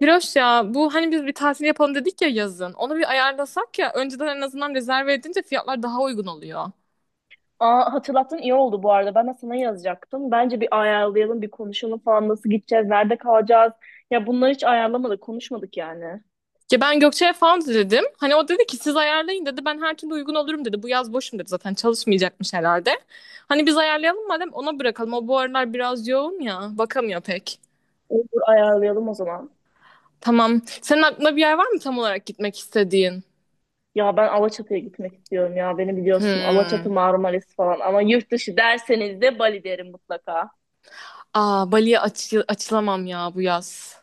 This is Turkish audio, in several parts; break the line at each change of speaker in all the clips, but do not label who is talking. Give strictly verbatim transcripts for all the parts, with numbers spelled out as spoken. Hiroş ya bu hani biz bir tatil yapalım dedik ya yazın. Onu bir ayarlasak ya önceden en azından rezerve edince fiyatlar daha uygun oluyor.
Aa, hatırlattın iyi oldu bu arada. Ben de sana yazacaktım. Bence bir ayarlayalım, bir konuşalım falan. Nasıl gideceğiz, nerede kalacağız? Ya bunları hiç ayarlamadık, konuşmadık yani.
Ya ben Gökçe'ye falan dedim. Hani o dedi ki siz ayarlayın dedi. Ben her türlü uygun olurum dedi. Bu yaz boşum dedi, zaten çalışmayacakmış herhalde. Hani biz ayarlayalım madem, ona bırakalım. O bu aralar biraz yoğun ya. Bakamıyor pek.
Olur ayarlayalım o zaman.
Tamam. Senin aklında bir yer var mı tam olarak gitmek istediğin?
Ya ben Alaçatı'ya gitmek istiyorum ya. Beni biliyorsun Alaçatı,
Hmm.
Marmaris falan. Ama yurt dışı derseniz de Bali derim mutlaka.
Aa, Bali'ye açı- açılamam ya bu yaz.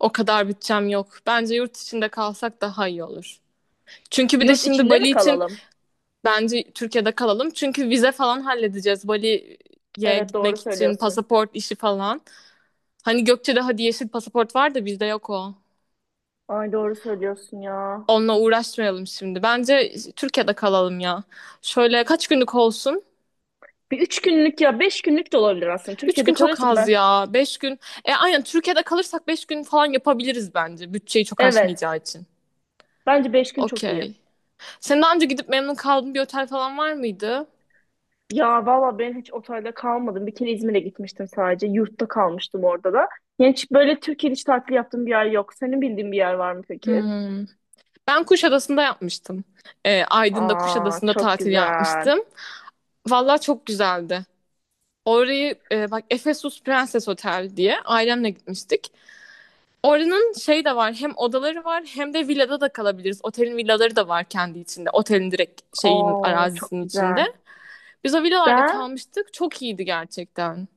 O kadar bütçem yok. Bence yurt içinde kalsak daha iyi olur. Çünkü bir de
Yurt
şimdi
içinde mi
Bali için
kalalım?
bence Türkiye'de kalalım. Çünkü vize falan halledeceğiz. Bali'ye
Evet doğru
gitmek için
söylüyorsun.
pasaport işi falan. Hani Gökçe'de hadi yeşil pasaport var da bizde yok o.
Ay doğru söylüyorsun ya.
Onunla uğraşmayalım şimdi. Bence Türkiye'de kalalım ya. Şöyle, kaç günlük olsun?
Bir üç günlük ya beş günlük de olabilir aslında.
Üç
Türkiye'de
gün çok
kalıyorsak
az
ben.
ya. Beş gün. E aynen, Türkiye'de kalırsak beş gün falan yapabiliriz bence. Bütçeyi çok
Evet.
aşmayacağı için.
Bence beş gün çok iyi.
Okey. Sen daha önce gidip memnun kaldığın bir otel falan var mıydı?
Ya valla ben hiç otelde kalmadım. Bir kere İzmir'e gitmiştim sadece. Yurtta kalmıştım orada da. Yani hiç böyle Türkiye'de hiç tatil yaptığım bir yer yok. Senin bildiğin bir yer var mı peki?
Hmm. Ben Kuşadası'nda yapmıştım. E, Aydın'da
Aa
Kuşadası'nda
çok
tatil
güzel.
yapmıştım. Vallahi çok güzeldi. Orayı e, bak, Efesus Prenses Otel diye ailemle gitmiştik. Oranın şey de var, hem odaları var hem de villada da kalabiliriz. Otelin villaları da var kendi içinde. Otelin direkt şeyin
Aa çok
arazisinin içinde.
güzel.
Biz o villalarda
Ben
kalmıştık. Çok iyiydi gerçekten.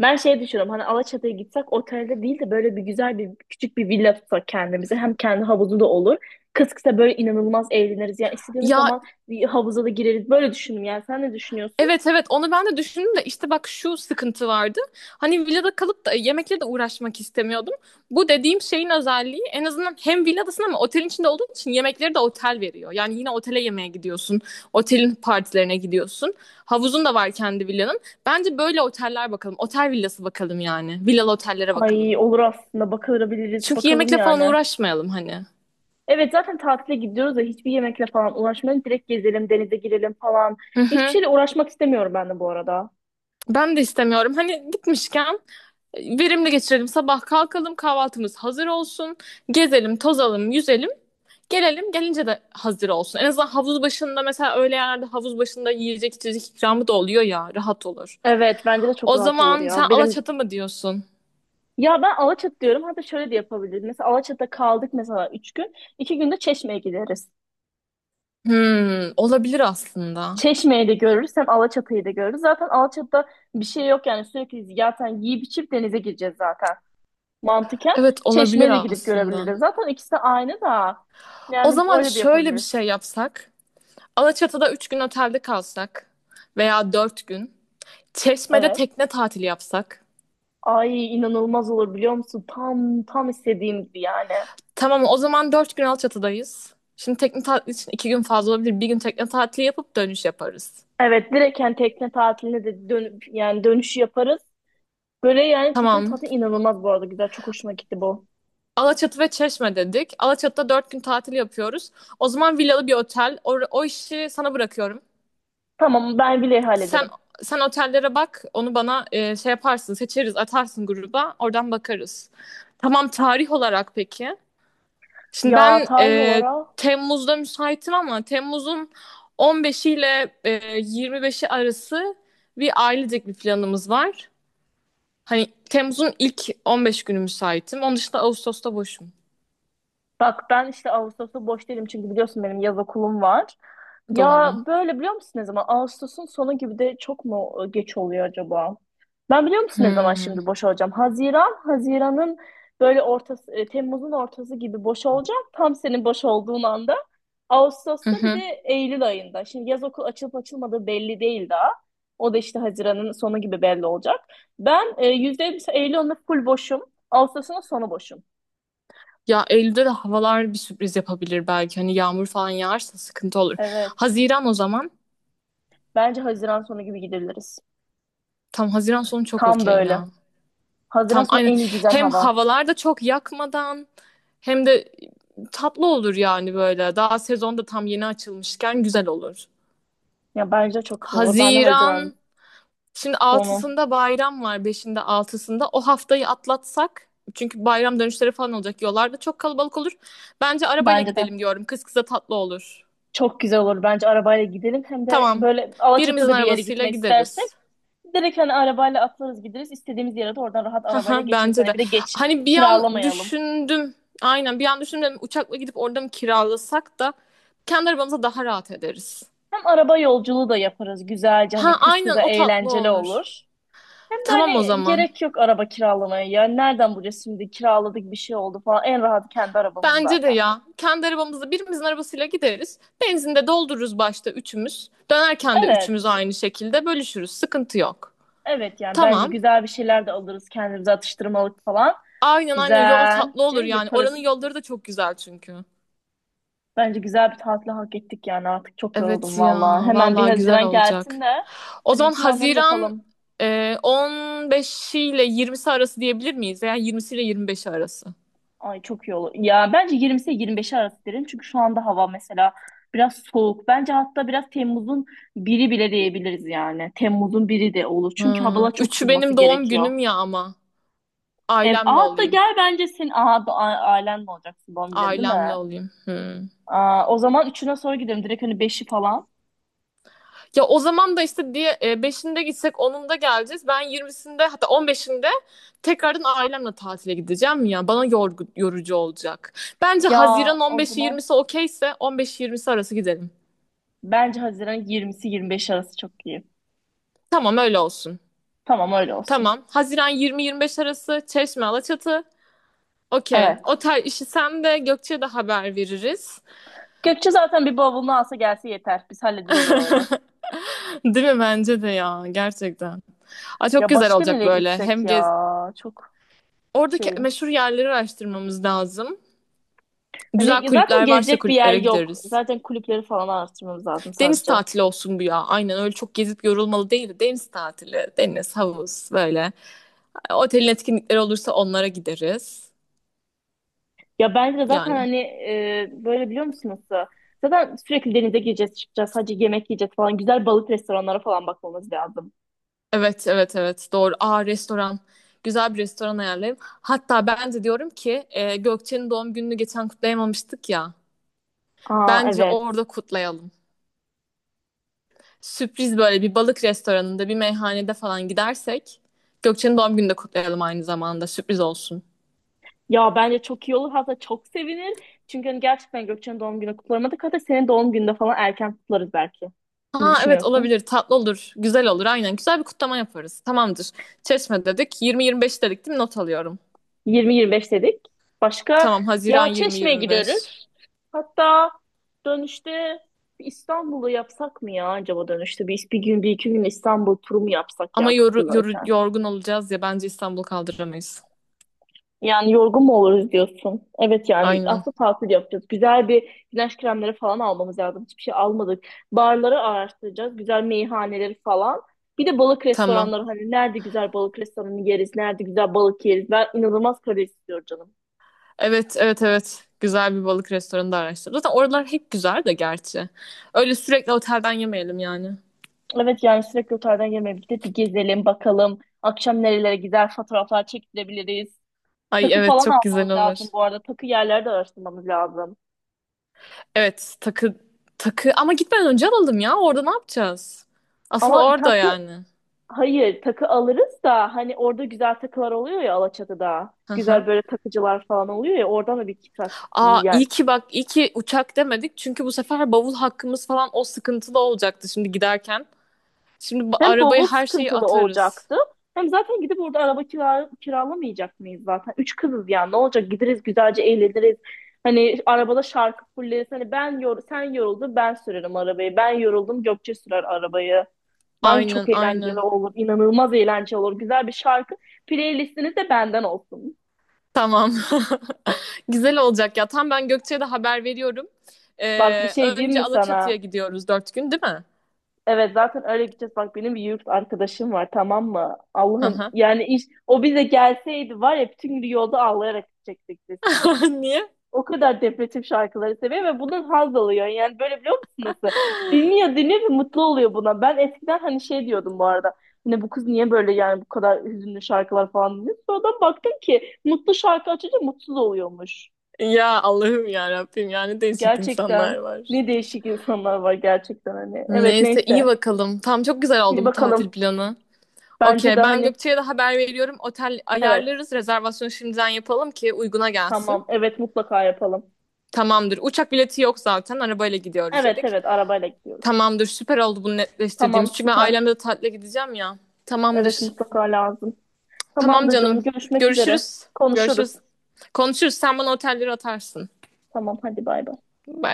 ben şey düşünüyorum. Hani Alaçatı'ya gitsek otelde değil de böyle bir güzel bir küçük bir villa tutsak kendimize. Hem kendi havuzu da olur. Kız kısa böyle inanılmaz eğleniriz. Yani istediğimiz
Ya,
zaman bir havuza da gireriz. Böyle düşündüm yani. Sen ne düşünüyorsun?
evet evet, onu ben de düşündüm de işte bak şu sıkıntı vardı. Hani villada kalıp da yemekle de uğraşmak istemiyordum. Bu dediğim şeyin özelliği, en azından hem villadasın ama otelin içinde olduğun için yemekleri de otel veriyor. Yani yine otele yemeğe gidiyorsun. Otelin partilerine gidiyorsun. Havuzun da var kendi villanın. Bence böyle oteller bakalım. Otel villası bakalım yani. Villalı otellere
Ay
bakalım.
olur aslında. Bakılabiliriz.
Çünkü
Bakalım
yemekle falan
yani.
uğraşmayalım hani.
Evet zaten tatile gidiyoruz da hiçbir yemekle falan uğraşmayalım. Direkt gezelim, denize girelim falan.
Hı
Hiçbir
hı.
şeyle uğraşmak istemiyorum ben de bu arada.
Ben de istemiyorum. Hani gitmişken verimli geçirelim. Sabah kalkalım, kahvaltımız hazır olsun. Gezelim, tozalım, yüzelim. Gelelim, gelince de hazır olsun. En azından havuz başında mesela, öyle yerlerde havuz başında yiyecek içecek ikramı da oluyor ya. Rahat olur.
Evet bence de çok
O
rahat olur
zaman sen
ya. Benim
Alaçatı mı diyorsun?
ya ben Alaçatı diyorum. Hatta şöyle de yapabiliriz. Mesela Alaçatı'da kaldık mesela üç gün. İki günde Çeşme'ye gideriz.
Hmm, olabilir aslında.
Çeşme'yi de görürüz hem Alaçatı'yı da görürüz. Zaten Alaçatı'da bir şey yok yani sürekli zaten yiyip içip denize gireceğiz zaten. Mantıken
Evet olabilir
Çeşme'ye de gidip
aslında.
görebiliriz. Zaten ikisi de aynı da
O
yani
zaman
öyle de
şöyle bir
yapabiliriz.
şey yapsak. Alaçatı'da üç gün otelde kalsak veya dört gün. Çeşme'de
Evet.
tekne tatili yapsak.
Ay inanılmaz olur biliyor musun? Tam tam istediğim gibi yani.
Tamam, o zaman dört gün Alçatı'dayız. Şimdi tekne tatili için iki gün fazla olabilir. Bir gün tekne tatili yapıp dönüş yaparız.
Evet direkt yani tekne tatiline de dön yani dönüşü yaparız. Böyle yani tekne
Tamam.
tatili inanılmaz bu arada güzel. Çok hoşuma gitti bu.
Alaçatı ve Çeşme dedik. Alaçatı'da dört gün tatil yapıyoruz. O zaman villalı bir otel. O, o işi sana bırakıyorum.
Tamam ben bile
Sen
hallederim.
sen otellere bak. Onu bana e, şey yaparsın, seçeriz, atarsın gruba. Oradan bakarız. Tamam, tarih olarak peki. Şimdi
Ya
ben
tarih
e,
olarak
Temmuz'da müsaitim ama Temmuz'un on beşi ile e, yirmi beşi arası bir ailecek bir planımız var. Hani Temmuz'un ilk on beş günü müsaitim. Onun dışında Ağustos'ta boşum.
bak ben işte Ağustos'ta boş değilim çünkü biliyorsun benim yaz okulum var. Ya
Doğru.
böyle biliyor musun ne zaman? Ağustos'un sonu gibi de çok mu e, geç oluyor acaba? Ben biliyor musun ne zaman
Hmm.
şimdi boş olacağım? Haziran, Haziran'ın böyle ortası, e, Temmuz'un ortası gibi boş olacağım. Tam senin boş olduğun anda.
Hı
Ağustos'ta bir de
hı.
Eylül ayında. Şimdi yaz okul açılıp açılmadığı belli değil daha. O da işte Haziran'ın sonu gibi belli olacak. Ben e, yüzde elli Eylül ayında full boşum. Ağustos'un sonu boşum.
Ya Eylül'de de havalar bir sürpriz yapabilir belki. Hani yağmur falan yağarsa sıkıntı olur.
Evet.
Haziran o zaman.
Bence Haziran sonu gibi gidiliriz.
Tam Haziran sonu çok
Tam
okey
böyle.
ya.
Haziran
Tam
sonu
aynen.
en iyi güzel
Hem
hava.
havalar da çok yakmadan hem de tatlı olur yani böyle. Daha sezon da tam yeni açılmışken güzel olur.
Ya bence çok güzel olur. Ben de Haziran
Haziran şimdi
sonu.
altısında bayram var. Beşinde altısında o haftayı atlatsak, çünkü bayram dönüşleri falan olacak. Yollarda çok kalabalık olur. Bence arabayla
Bence de.
gidelim diyorum. Kız kıza tatlı olur.
Çok güzel olur. Bence arabayla gidelim. Hem de
Tamam.
böyle
Birimizin
Alaçatı'da bir yere
arabasıyla
gitmek istersek
gideriz.
direkt hani arabayla atlarız gideriz. İstediğimiz yere de oradan rahat arabayla
Haha,
geçeriz.
bence
Hani
de.
bir de geç
Hani bir an
kiralamayalım.
düşündüm. Aynen, bir an düşündüm, dedim, uçakla gidip orada mı kiralasak da kendi arabamıza daha rahat ederiz.
Hem araba yolculuğu da yaparız. Güzelce hani
Ha
kız
aynen,
kıza
o tatlı
eğlenceli
olur.
olur. Hem de
Tamam o
hani
zaman.
gerek yok araba kiralamaya. Ya nereden bulacağız şimdi kiraladık bir şey oldu falan. En rahat kendi arabamız
Bence de
zaten.
ya. Kendi arabamızla birimizin arabasıyla gideriz. Benzin de doldururuz başta üçümüz. Dönerken de üçümüz
Evet.
aynı şekilde bölüşürüz. Sıkıntı yok.
Evet yani bence
Tamam.
güzel bir şeyler de alırız kendimize atıştırmalık falan.
Aynen aynen, yol tatlı
Güzelce
olur yani. Oranın
yaparız.
yolları da çok güzel çünkü.
Bence güzel bir tatil hak ettik yani artık çok
Evet
yoruldum
ya.
valla. Hemen bir
Vallahi güzel
Haziran gelsin
olacak.
de
O
hadi bu
zaman
planları
Haziran
yapalım.
e, on beş ile yirmisi arası diyebilir miyiz? Yani yirmisi ile yirmi beşi arası.
Ay çok iyi olur. Ya bence yirmisi yirmi beşi arası derim çünkü şu anda hava mesela biraz soğuk. Bence hatta biraz Temmuz'un biri bile diyebiliriz yani. Temmuz'un biri de olur çünkü
Ha,
havalar çok
üçü
ısınması
benim doğum
gerekiyor.
günüm ya ama.
Ev,
Ailemle
Aa, hatta
olayım.
gel bence senin aa, bu a- ailen mi olacaksın doğum günü değil
Ailemle
mi?
olayım. Hmm.
Aa, o zaman üçüne sonra gidelim direkt hani beşi falan.
Ya o zaman da işte diye e, beşinde gitsek onunda geleceğiz. Ben yirmisinde hatta on beşinde tekrardan ailemle tatile gideceğim ya. Bana yorgu- yorucu olacak. Bence
Ya
Haziran
o
on beşi
zaman
yirmisi okeyse on beşi yirmisi arası gidelim.
Bence Haziran yirmisi yirmi beş arası çok iyi.
Tamam öyle olsun.
Tamam öyle olsun.
Tamam. Haziran yirmi yirmi beş arası Çeşme Alaçatı. Okey.
Evet.
O tar işi sen de Gökçe'ye de haber veririz.
Gökçe zaten bir bavulunu alsa gelse yeter. Biz hallederiz oraları.
Değil mi? Bence de ya. Gerçekten. Aa, çok
Ya
güzel
başka
olacak
nereye
böyle.
gitsek
Hem gez...
ya? Çok
Oradaki
şeyim.
meşhur yerleri araştırmamız lazım. Güzel
Hani zaten
kulüpler varsa
gezecek bir yer
kulüplere
yok.
gideriz.
Zaten kulüpleri falan araştırmamız lazım
Deniz
sadece.
tatili olsun bu ya. Aynen öyle, çok gezip yorulmalı değil de deniz tatili, deniz, havuz böyle. Otelin etkinlikleri olursa onlara gideriz.
Ya bence de zaten
Yani.
hani e, böyle biliyor musunuz? da, Zaten sürekli denize gireceğiz, çıkacağız. Sadece yemek yiyeceğiz falan. Güzel balık restoranlara falan bakmamız lazım.
Evet, evet, evet. Doğru. Aa, restoran. Güzel bir restoran ayarlayayım. Hatta ben de diyorum ki, e, Gökçe'nin doğum gününü geçen kutlayamamıştık ya.
Aa
Bence
evet.
orada kutlayalım. Sürpriz, böyle bir balık restoranında, bir meyhanede falan gidersek Gökçe'nin doğum gününü de kutlayalım aynı zamanda. Sürpriz olsun.
Ya bence çok iyi olur hatta çok sevinir. Çünkü hani gerçekten Gökçen'in doğum günü kutlamadık. Hatta senin doğum gününde falan erken kutlarız belki. Ne
Ha evet,
düşünüyorsun?
olabilir. Tatlı olur. Güzel olur. Aynen. Güzel bir kutlama yaparız. Tamamdır. Çeşme dedik. yirmi yirmi beş dedik değil mi? Not alıyorum.
yirmi yirmi beş dedik. Başka
Tamam. Haziran
ya Çeşme'ye
yirmi yirmi beş.
gideriz. Hatta dönüşte bir İstanbul'u yapsak mı ya acaba dönüşte? Bir, bir gün, bir iki gün İstanbul turu mu yapsak ya
Ama yoru, yoru-
kısımdayken?
yorgun olacağız ya. Bence İstanbul kaldıramayız.
Yani yorgun mu oluruz diyorsun. Evet yani
Aynen.
aslında tatil yapacağız. Güzel bir güneş kremleri falan almamız lazım. Hiçbir şey almadık. Barları araştıracağız. Güzel meyhaneleri falan. Bir de balık
Tamam.
restoranları hani nerede güzel balık restoranı yeriz, nerede güzel balık yeriz. Ben inanılmaz kare istiyorum canım.
Evet, evet, evet. Güzel bir balık restoranı da araştır. Zaten oralar hep güzel de gerçi. Öyle sürekli otelden yemeyelim yani.
Evet yani sürekli otelden yemeğe gidip bir gezelim bakalım. Akşam nerelere gider fotoğraflar çektirebiliriz.
Ay
Takı
evet
falan
çok güzel
almamız
olur.
lazım bu arada. Takı yerlerde araştırmamız lazım.
Evet takı, takı ama gitmeden önce alalım ya. Orada ne yapacağız? Asıl
Ama
orada
takı
yani.
Hayır, takı alırız da hani orada güzel takılar oluyor ya Alaçatı'da.
Hı
Güzel
hı.
böyle takıcılar falan oluyor ya oradan da bir kitap
Aa, iyi
yani.
ki bak, iyi ki uçak demedik. Çünkü bu sefer bavul hakkımız falan o sıkıntılı olacaktı şimdi giderken. Şimdi ba-
Hem
arabaya
bavul
her şeyi
sıkıntılı
atarız.
olacaktı. Hem zaten gidip orada araba kira kiralamayacak mıyız zaten? Üç kızız yani ne olacak gideriz güzelce eğleniriz. Hani arabada şarkı fulleriz. Hani ben yor sen yoruldun ben sürerim arabayı. Ben yoruldum Gökçe sürer arabayı. Bence
Aynen
çok eğlenceli
aynen.
olur. inanılmaz eğlenceli olur. Güzel bir şarkı. Playlistiniz de benden olsun.
Tamam. Güzel olacak ya. Tam ben Gökçe'ye de haber veriyorum.
Bak bir
Ee,
şey diyeyim
önce
mi
Alaçatı'ya
sana?
gidiyoruz dört gün değil mi?
Evet zaten öyle gideceğiz. Bak benim bir yurt arkadaşım var tamam mı?
Hı
Allah'ım
hı.
yani iş o bize gelseydi var ya bütün gün yolda ağlayarak gidecektik biz.
Niye?
O kadar depresif şarkıları seviyor ve bundan haz alıyor. Yani böyle biliyor musun nasıl? Dinliyor dinliyor ve mutlu oluyor buna. Ben eskiden hani şey diyordum bu arada. Hani bu kız niye böyle yani bu kadar hüzünlü şarkılar falan dinliyor. Sonradan baktım ki mutlu şarkı açınca mutsuz oluyormuş.
Ya Allah'ım ya Rabbim, yani değişik
Gerçekten
insanlar var.
ne değişik insanlar var gerçekten hani. Evet
Neyse iyi
neyse.
bakalım. Tamam çok güzel
Bir
oldu bu tatil
bakalım.
planı.
Bence de
Okey, ben
hani
Gökçe'ye de haber veriyorum. Otel
evet.
ayarlarız. Rezervasyonu şimdiden yapalım ki uyguna gelsin.
Tamam. Evet mutlaka yapalım.
Tamamdır. Uçak bileti yok zaten. Arabayla gidiyoruz
Evet
dedik.
evet arabayla gidiyoruz.
Tamamdır. Süper oldu bunu
Tamam
netleştirdiğimiz. Çünkü ben
süper.
ailemle de tatile gideceğim ya.
Evet
Tamamdır.
mutlaka lazım.
Tamam
Tamamdır canım
canım.
görüşmek üzere.
Görüşürüz.
Konuşuruz.
Görüşürüz. Konuşuruz. Sen bana otelleri atarsın.
Tamam hadi bay bay.
Bay bay.